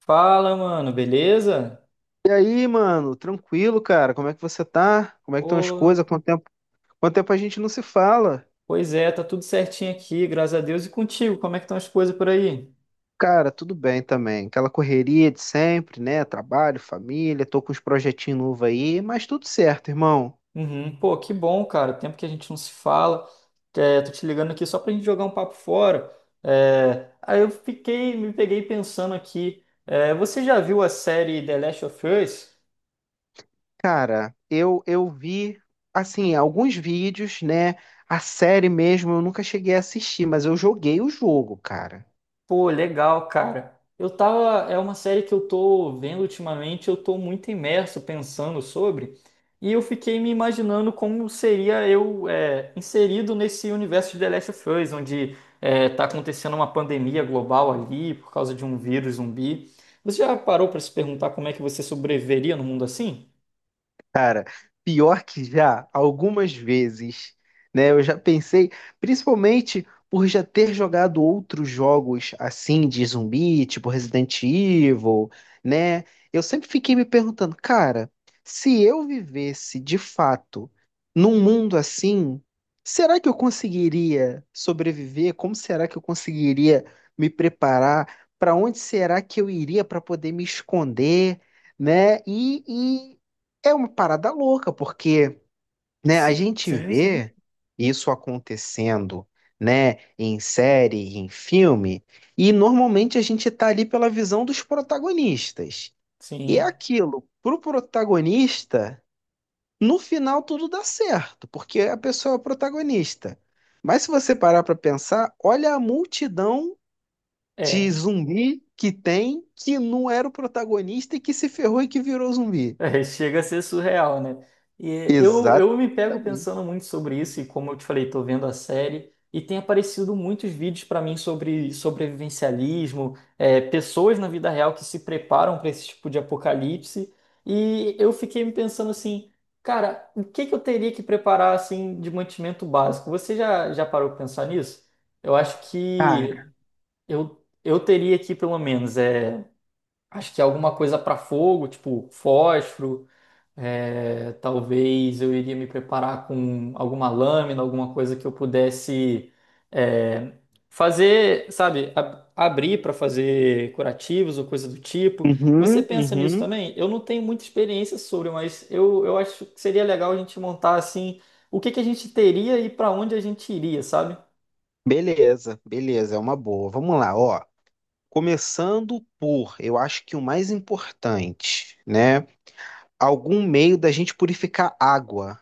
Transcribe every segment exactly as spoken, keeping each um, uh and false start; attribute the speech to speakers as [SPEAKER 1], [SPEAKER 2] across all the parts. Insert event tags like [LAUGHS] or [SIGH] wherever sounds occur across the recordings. [SPEAKER 1] Fala, mano, beleza?
[SPEAKER 2] E aí, mano, tranquilo, cara? Como é que você tá? Como é que estão as
[SPEAKER 1] Ô,
[SPEAKER 2] coisas? Quanto tempo, quanto tempo a gente não se fala?
[SPEAKER 1] pois é, tá tudo certinho aqui, graças a Deus. E contigo, como é que estão as coisas por aí?
[SPEAKER 2] Cara, tudo bem também. Aquela correria de sempre, né? Trabalho, família, tô com uns projetinhos novos aí, mas tudo certo, irmão.
[SPEAKER 1] Uhum. Pô, que bom, cara. Tempo que a gente não se fala. É, tô te ligando aqui só pra gente jogar um papo fora. É, aí eu fiquei, me peguei pensando aqui. É, você já viu a série The Last of Us?
[SPEAKER 2] Cara, eu eu vi assim, alguns vídeos, né? A série mesmo eu nunca cheguei a assistir, mas eu joguei o jogo, cara.
[SPEAKER 1] Pô, legal, cara. Eu tava. É uma série que eu tô vendo ultimamente, eu tô muito imerso pensando sobre, e eu fiquei me imaginando como seria eu é, inserido nesse universo de The Last of Us, onde é, tá acontecendo uma pandemia global ali por causa de um vírus zumbi. Você já parou pra se perguntar como é que você sobreviveria num mundo assim?
[SPEAKER 2] Pior que já, algumas vezes, né? Eu já pensei, principalmente por já ter jogado outros jogos assim de zumbi, tipo Resident Evil, né? Eu sempre fiquei me perguntando, cara, se eu vivesse de fato num mundo assim, será que eu conseguiria sobreviver? Como será que eu conseguiria me preparar? Para onde será que eu iria para poder me esconder, né? E, e é uma parada louca, porque, né, a
[SPEAKER 1] Si-
[SPEAKER 2] gente
[SPEAKER 1] Sim, sim,
[SPEAKER 2] vê isso acontecendo, né, em série, em filme, e normalmente a gente tá ali pela visão dos protagonistas. E é
[SPEAKER 1] sim.
[SPEAKER 2] aquilo, pro protagonista, no final tudo dá certo, porque a pessoa é o protagonista. Mas se você parar pra pensar, olha a multidão de
[SPEAKER 1] É.
[SPEAKER 2] zumbi que tem, que não era o protagonista e que se ferrou e que virou zumbi.
[SPEAKER 1] É, chega a ser surreal, né? E eu, eu me pego
[SPEAKER 2] Exatamente.
[SPEAKER 1] pensando muito sobre isso, e como eu te falei, tô vendo a série, e tem aparecido muitos vídeos para mim sobre sobrevivencialismo, é, pessoas na vida real que se preparam para esse tipo de apocalipse, e eu fiquei me pensando assim, cara, o que que eu teria que preparar assim de mantimento básico? Você já, já parou para pensar nisso? Eu acho que eu, eu teria aqui pelo menos, é, acho que alguma coisa para fogo, tipo fósforo. É, talvez eu iria me preparar com alguma lâmina, alguma coisa que eu pudesse é, fazer, sabe, ab- abrir para fazer curativos ou coisa do tipo. Você
[SPEAKER 2] Uhum,
[SPEAKER 1] pensa nisso
[SPEAKER 2] uhum.
[SPEAKER 1] também? Eu não tenho muita experiência sobre, mas eu, eu acho que seria legal a gente montar assim o que que a gente teria e para onde a gente iria, sabe?
[SPEAKER 2] Beleza, beleza, é uma boa. Vamos lá, ó. Começando por, eu acho que o mais importante, né? Algum meio da gente purificar água,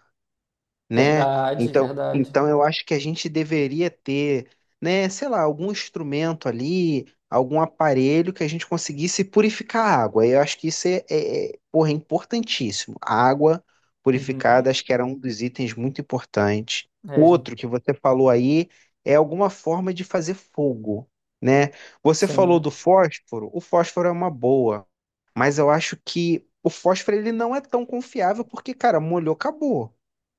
[SPEAKER 2] né?
[SPEAKER 1] Verdade,
[SPEAKER 2] Então,
[SPEAKER 1] verdade.
[SPEAKER 2] então eu acho que a gente deveria ter, né, sei lá, algum instrumento ali, algum aparelho que a gente conseguisse purificar a água. Eu acho que isso é, é, é, porra, é importantíssimo. A água purificada,
[SPEAKER 1] Uhum.
[SPEAKER 2] acho que era um dos itens muito importantes.
[SPEAKER 1] É, gente,
[SPEAKER 2] Outro que você falou aí é alguma forma de fazer fogo, né? Você falou do
[SPEAKER 1] sim.
[SPEAKER 2] fósforo, o fósforo é uma boa, mas eu acho que o fósforo ele não é tão confiável porque, cara, molhou, acabou,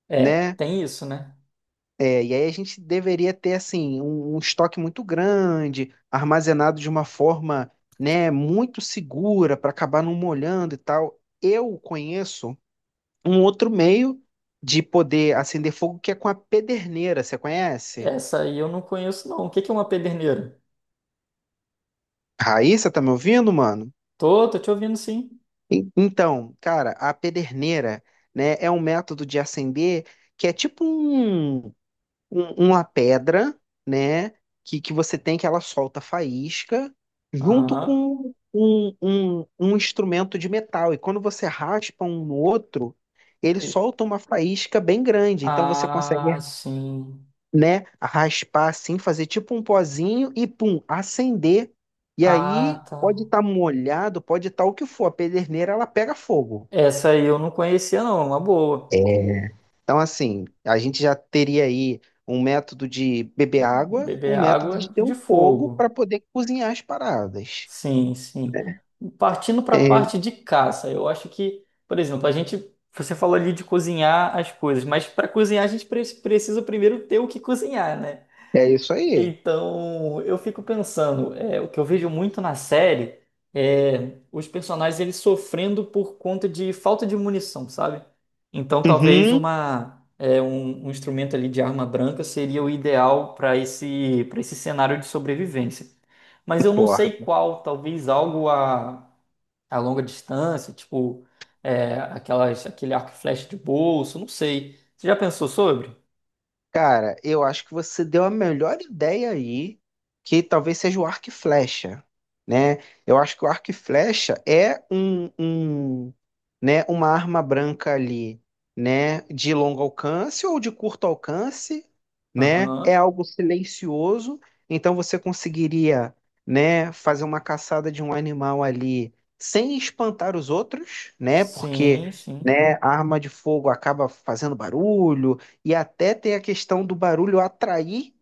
[SPEAKER 1] É,
[SPEAKER 2] né?
[SPEAKER 1] tem isso, né?
[SPEAKER 2] É, e aí a gente deveria ter assim um, um estoque muito grande, armazenado de uma forma, né, muito segura para acabar não molhando e tal. Eu conheço um outro meio de poder acender fogo que é com a pederneira, você conhece?
[SPEAKER 1] Essa aí eu não conheço, não. O que que é uma pederneira?
[SPEAKER 2] Raíssa, tá me ouvindo, mano?
[SPEAKER 1] Tô, tô te ouvindo sim.
[SPEAKER 2] En- Então, cara, a pederneira, né, é um método de acender que é tipo um um- uma pedra, né, que, que você tem, que ela solta faísca, junto
[SPEAKER 1] Aham.
[SPEAKER 2] com um, um, um instrumento de metal. E quando você raspa um no outro, ele
[SPEAKER 1] Ele-
[SPEAKER 2] solta uma faísca bem grande. Então você consegue,
[SPEAKER 1] Ah, sim.
[SPEAKER 2] né, raspar assim, fazer tipo um pozinho e pum, acender. E
[SPEAKER 1] Ah,
[SPEAKER 2] aí
[SPEAKER 1] tá.
[SPEAKER 2] pode estar molhado, pode estar o que for. A pederneira ela pega fogo.
[SPEAKER 1] Essa aí eu não conhecia, não. é Uma boa.
[SPEAKER 2] É. Então, assim, a gente já teria aí um método de beber água, um
[SPEAKER 1] Beber
[SPEAKER 2] método
[SPEAKER 1] água
[SPEAKER 2] de ter
[SPEAKER 1] de
[SPEAKER 2] um fogo para
[SPEAKER 1] fogo.
[SPEAKER 2] poder cozinhar as paradas.
[SPEAKER 1] Sim, sim. Partindo para a
[SPEAKER 2] É,
[SPEAKER 1] parte de caça, eu acho que, por exemplo, a gente. Você falou ali de cozinhar as coisas, mas para cozinhar a gente pre- precisa primeiro ter o que cozinhar, né?
[SPEAKER 2] é isso aí.
[SPEAKER 1] Então, eu fico pensando, é, o que eu vejo muito na série é os personagens eles sofrendo por conta de falta de munição, sabe? Então, talvez
[SPEAKER 2] Uhum,
[SPEAKER 1] uma é, um, um instrumento ali de arma branca seria o ideal para esse para esse cenário de sobrevivência. Mas eu não sei
[SPEAKER 2] concordo.
[SPEAKER 1] qual, talvez algo a, a longa distância, tipo é, aquelas aquele arco e flecha de bolso, não sei. Você já pensou sobre?
[SPEAKER 2] Cara, eu acho que você deu a melhor ideia aí, que talvez seja o arco e flecha, né? Eu acho que o arco e flecha é um, um, né, uma arma branca ali, né, de longo alcance ou de curto alcance, né? É
[SPEAKER 1] Aham.
[SPEAKER 2] algo silencioso, então você conseguiria, né, fazer uma caçada de um animal ali sem espantar os outros, né? Porque,
[SPEAKER 1] Sim, sim.
[SPEAKER 2] né, a arma de fogo acaba fazendo barulho e até tem a questão do barulho atrair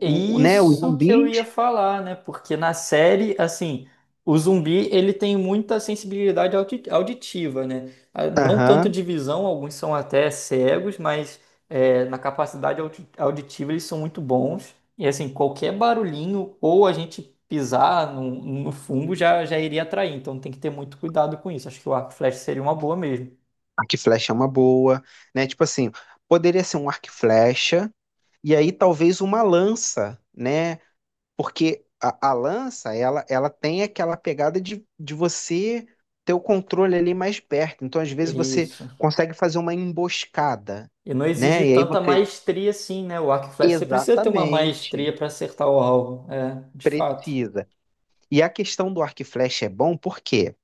[SPEAKER 1] É
[SPEAKER 2] o- o, né, os
[SPEAKER 1] isso que eu ia
[SPEAKER 2] zumbis.
[SPEAKER 1] falar, né? Porque na série, assim, o zumbi ele tem muita sensibilidade audi- auditiva, né? Ah, não tanto
[SPEAKER 2] Aham.
[SPEAKER 1] de visão, alguns são até cegos, mas é, na capacidade audi- auditiva eles são muito bons. E assim, qualquer barulhinho ou a gente pisar no, no fungo já, já iria atrair. Então tem que ter muito cuidado com isso. Acho que o arco e flecha seria uma boa mesmo.
[SPEAKER 2] Arco e flecha é uma boa, né? Tipo assim, poderia ser um arco e flecha e aí talvez uma lança, né? Porque a, a lança, ela, ela tem aquela pegada de, de você ter o controle ali mais perto. Então, às vezes, você
[SPEAKER 1] Isso.
[SPEAKER 2] consegue fazer uma emboscada,
[SPEAKER 1] E não exige
[SPEAKER 2] né? E aí
[SPEAKER 1] tanta
[SPEAKER 2] você...
[SPEAKER 1] maestria assim, né? O arco e flecha, você precisa ter uma
[SPEAKER 2] Exatamente.
[SPEAKER 1] maestria para acertar o alvo, é, de fato.
[SPEAKER 2] Precisa. E a questão do arco e flecha é bom porque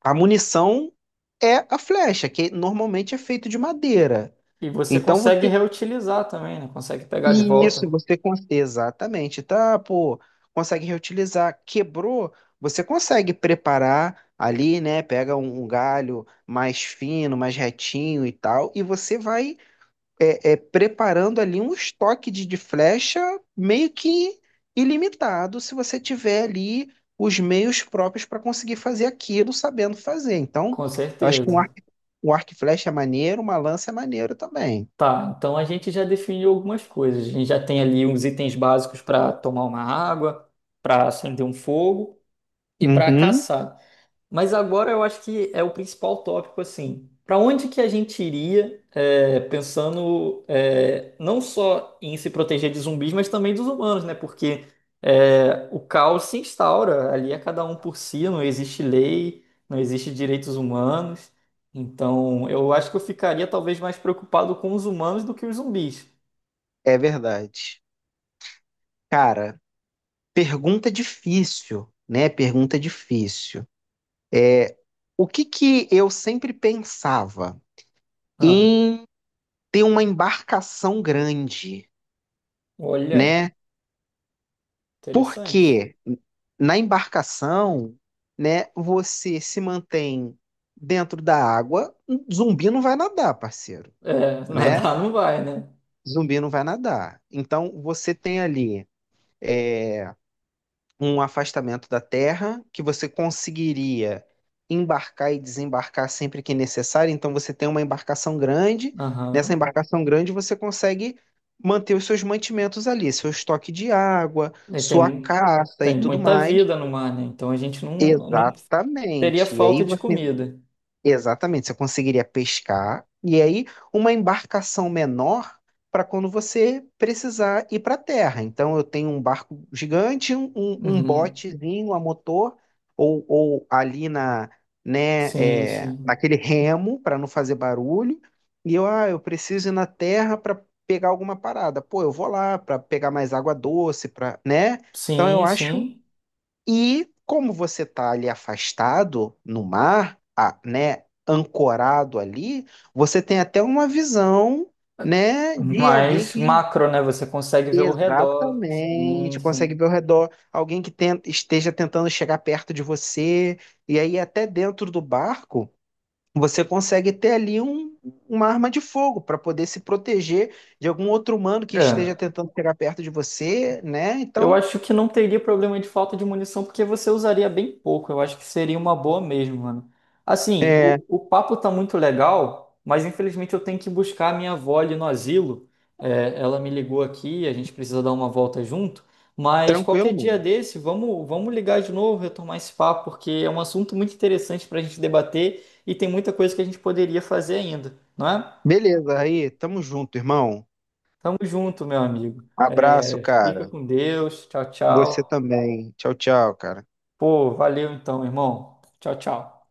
[SPEAKER 2] a munição é a flecha, que normalmente é feito de madeira.
[SPEAKER 1] E você
[SPEAKER 2] Então
[SPEAKER 1] consegue
[SPEAKER 2] você...
[SPEAKER 1] reutilizar também, né? Consegue pegar de volta,
[SPEAKER 2] Isso, você consegue. Exatamente, tá? Pô, consegue reutilizar. Quebrou, você consegue preparar ali, né? Pega um, um galho mais fino, mais retinho e tal, e você vai é, é, preparando ali um estoque de, de flecha meio que ilimitado, se você tiver ali os meios próprios para conseguir fazer aquilo sabendo fazer. Então,
[SPEAKER 1] com
[SPEAKER 2] eu acho que um arco,
[SPEAKER 1] certeza.
[SPEAKER 2] um arco e flecha é maneiro, uma lança é maneiro também.
[SPEAKER 1] Tá, então a gente já definiu algumas coisas. A gente já tem ali uns itens básicos para tomar uma água, para acender um fogo e para
[SPEAKER 2] Uhum,
[SPEAKER 1] caçar. Mas agora eu acho que é o principal tópico, assim. Para onde que a gente iria, é, pensando, é, não só em se proteger de zumbis, mas também dos humanos, né? Porque é, o caos se instaura, ali é cada um por si, não existe lei, não existe direitos humanos. Então, eu acho que eu ficaria talvez mais preocupado com os humanos do que os zumbis.
[SPEAKER 2] é verdade. Cara, pergunta difícil, né? Pergunta difícil. É, o que que eu sempre pensava
[SPEAKER 1] Ah,
[SPEAKER 2] em ter uma embarcação grande,
[SPEAKER 1] olha,
[SPEAKER 2] né?
[SPEAKER 1] interessante.
[SPEAKER 2] Porque na embarcação, né, você se mantém dentro da água, um zumbi não vai nadar, parceiro,
[SPEAKER 1] É, [LAUGHS]
[SPEAKER 2] né?
[SPEAKER 1] nadar não vai, né?
[SPEAKER 2] Zumbi não vai nadar. Então você tem ali é, um afastamento da terra que você conseguiria embarcar e desembarcar sempre que necessário. Então você tem uma embarcação grande. Nessa
[SPEAKER 1] Aham.
[SPEAKER 2] embarcação grande você consegue manter os seus mantimentos ali, seu estoque de água,
[SPEAKER 1] E
[SPEAKER 2] sua
[SPEAKER 1] tem,
[SPEAKER 2] caça e
[SPEAKER 1] tem
[SPEAKER 2] tudo
[SPEAKER 1] muita
[SPEAKER 2] mais.
[SPEAKER 1] vida no mar, né? Então a gente não, não teria
[SPEAKER 2] Exatamente. E aí
[SPEAKER 1] falta de
[SPEAKER 2] você,
[SPEAKER 1] comida.
[SPEAKER 2] exatamente, você conseguiria pescar e aí uma embarcação menor para quando você precisar ir para a terra. Então eu tenho um barco gigante, um, um, um
[SPEAKER 1] Uhum.
[SPEAKER 2] botezinho a motor ou, ou ali na, né,
[SPEAKER 1] Sim,
[SPEAKER 2] é,
[SPEAKER 1] sim.
[SPEAKER 2] naquele remo para não fazer barulho. E eu, ah, eu preciso ir na terra para pegar alguma parada. Pô, eu vou lá para pegar mais água doce, para, né? Então eu
[SPEAKER 1] Sim,
[SPEAKER 2] acho,
[SPEAKER 1] sim.
[SPEAKER 2] e como você está ali afastado no mar, a- né, ancorado ali, você tem até uma visão, né, de alguém
[SPEAKER 1] Mas
[SPEAKER 2] que...
[SPEAKER 1] macro, né? Você consegue ver o redor. Sim,
[SPEAKER 2] Exatamente, consegue
[SPEAKER 1] sim.
[SPEAKER 2] ver ao redor, alguém que ten- esteja tentando chegar perto de você, e aí até dentro do barco você consegue ter ali um- uma arma de fogo para poder se proteger de algum outro humano que esteja
[SPEAKER 1] É.
[SPEAKER 2] tentando chegar perto de você, né?
[SPEAKER 1] Eu
[SPEAKER 2] Então,
[SPEAKER 1] acho que não teria problema de falta de munição, porque você usaria bem pouco. Eu acho que seria uma boa mesmo, mano. Assim,
[SPEAKER 2] é
[SPEAKER 1] o, o papo tá muito legal, mas infelizmente eu tenho que buscar a minha avó ali no asilo. É, ela me ligou aqui, a gente precisa dar uma volta junto. Mas qualquer
[SPEAKER 2] tranquilo,
[SPEAKER 1] dia
[SPEAKER 2] mano.
[SPEAKER 1] desse, vamos, vamos ligar de novo, retomar esse papo, porque é um assunto muito interessante para a gente debater e tem muita coisa que a gente poderia fazer ainda, não é?
[SPEAKER 2] Beleza, aí, tamo junto, irmão.
[SPEAKER 1] Tamo junto, meu amigo.
[SPEAKER 2] Abraço,
[SPEAKER 1] É, fica
[SPEAKER 2] cara.
[SPEAKER 1] com Deus. Tchau,
[SPEAKER 2] Você
[SPEAKER 1] tchau.
[SPEAKER 2] também. Tchau, tchau, cara.
[SPEAKER 1] Pô, valeu então, irmão. Tchau, tchau.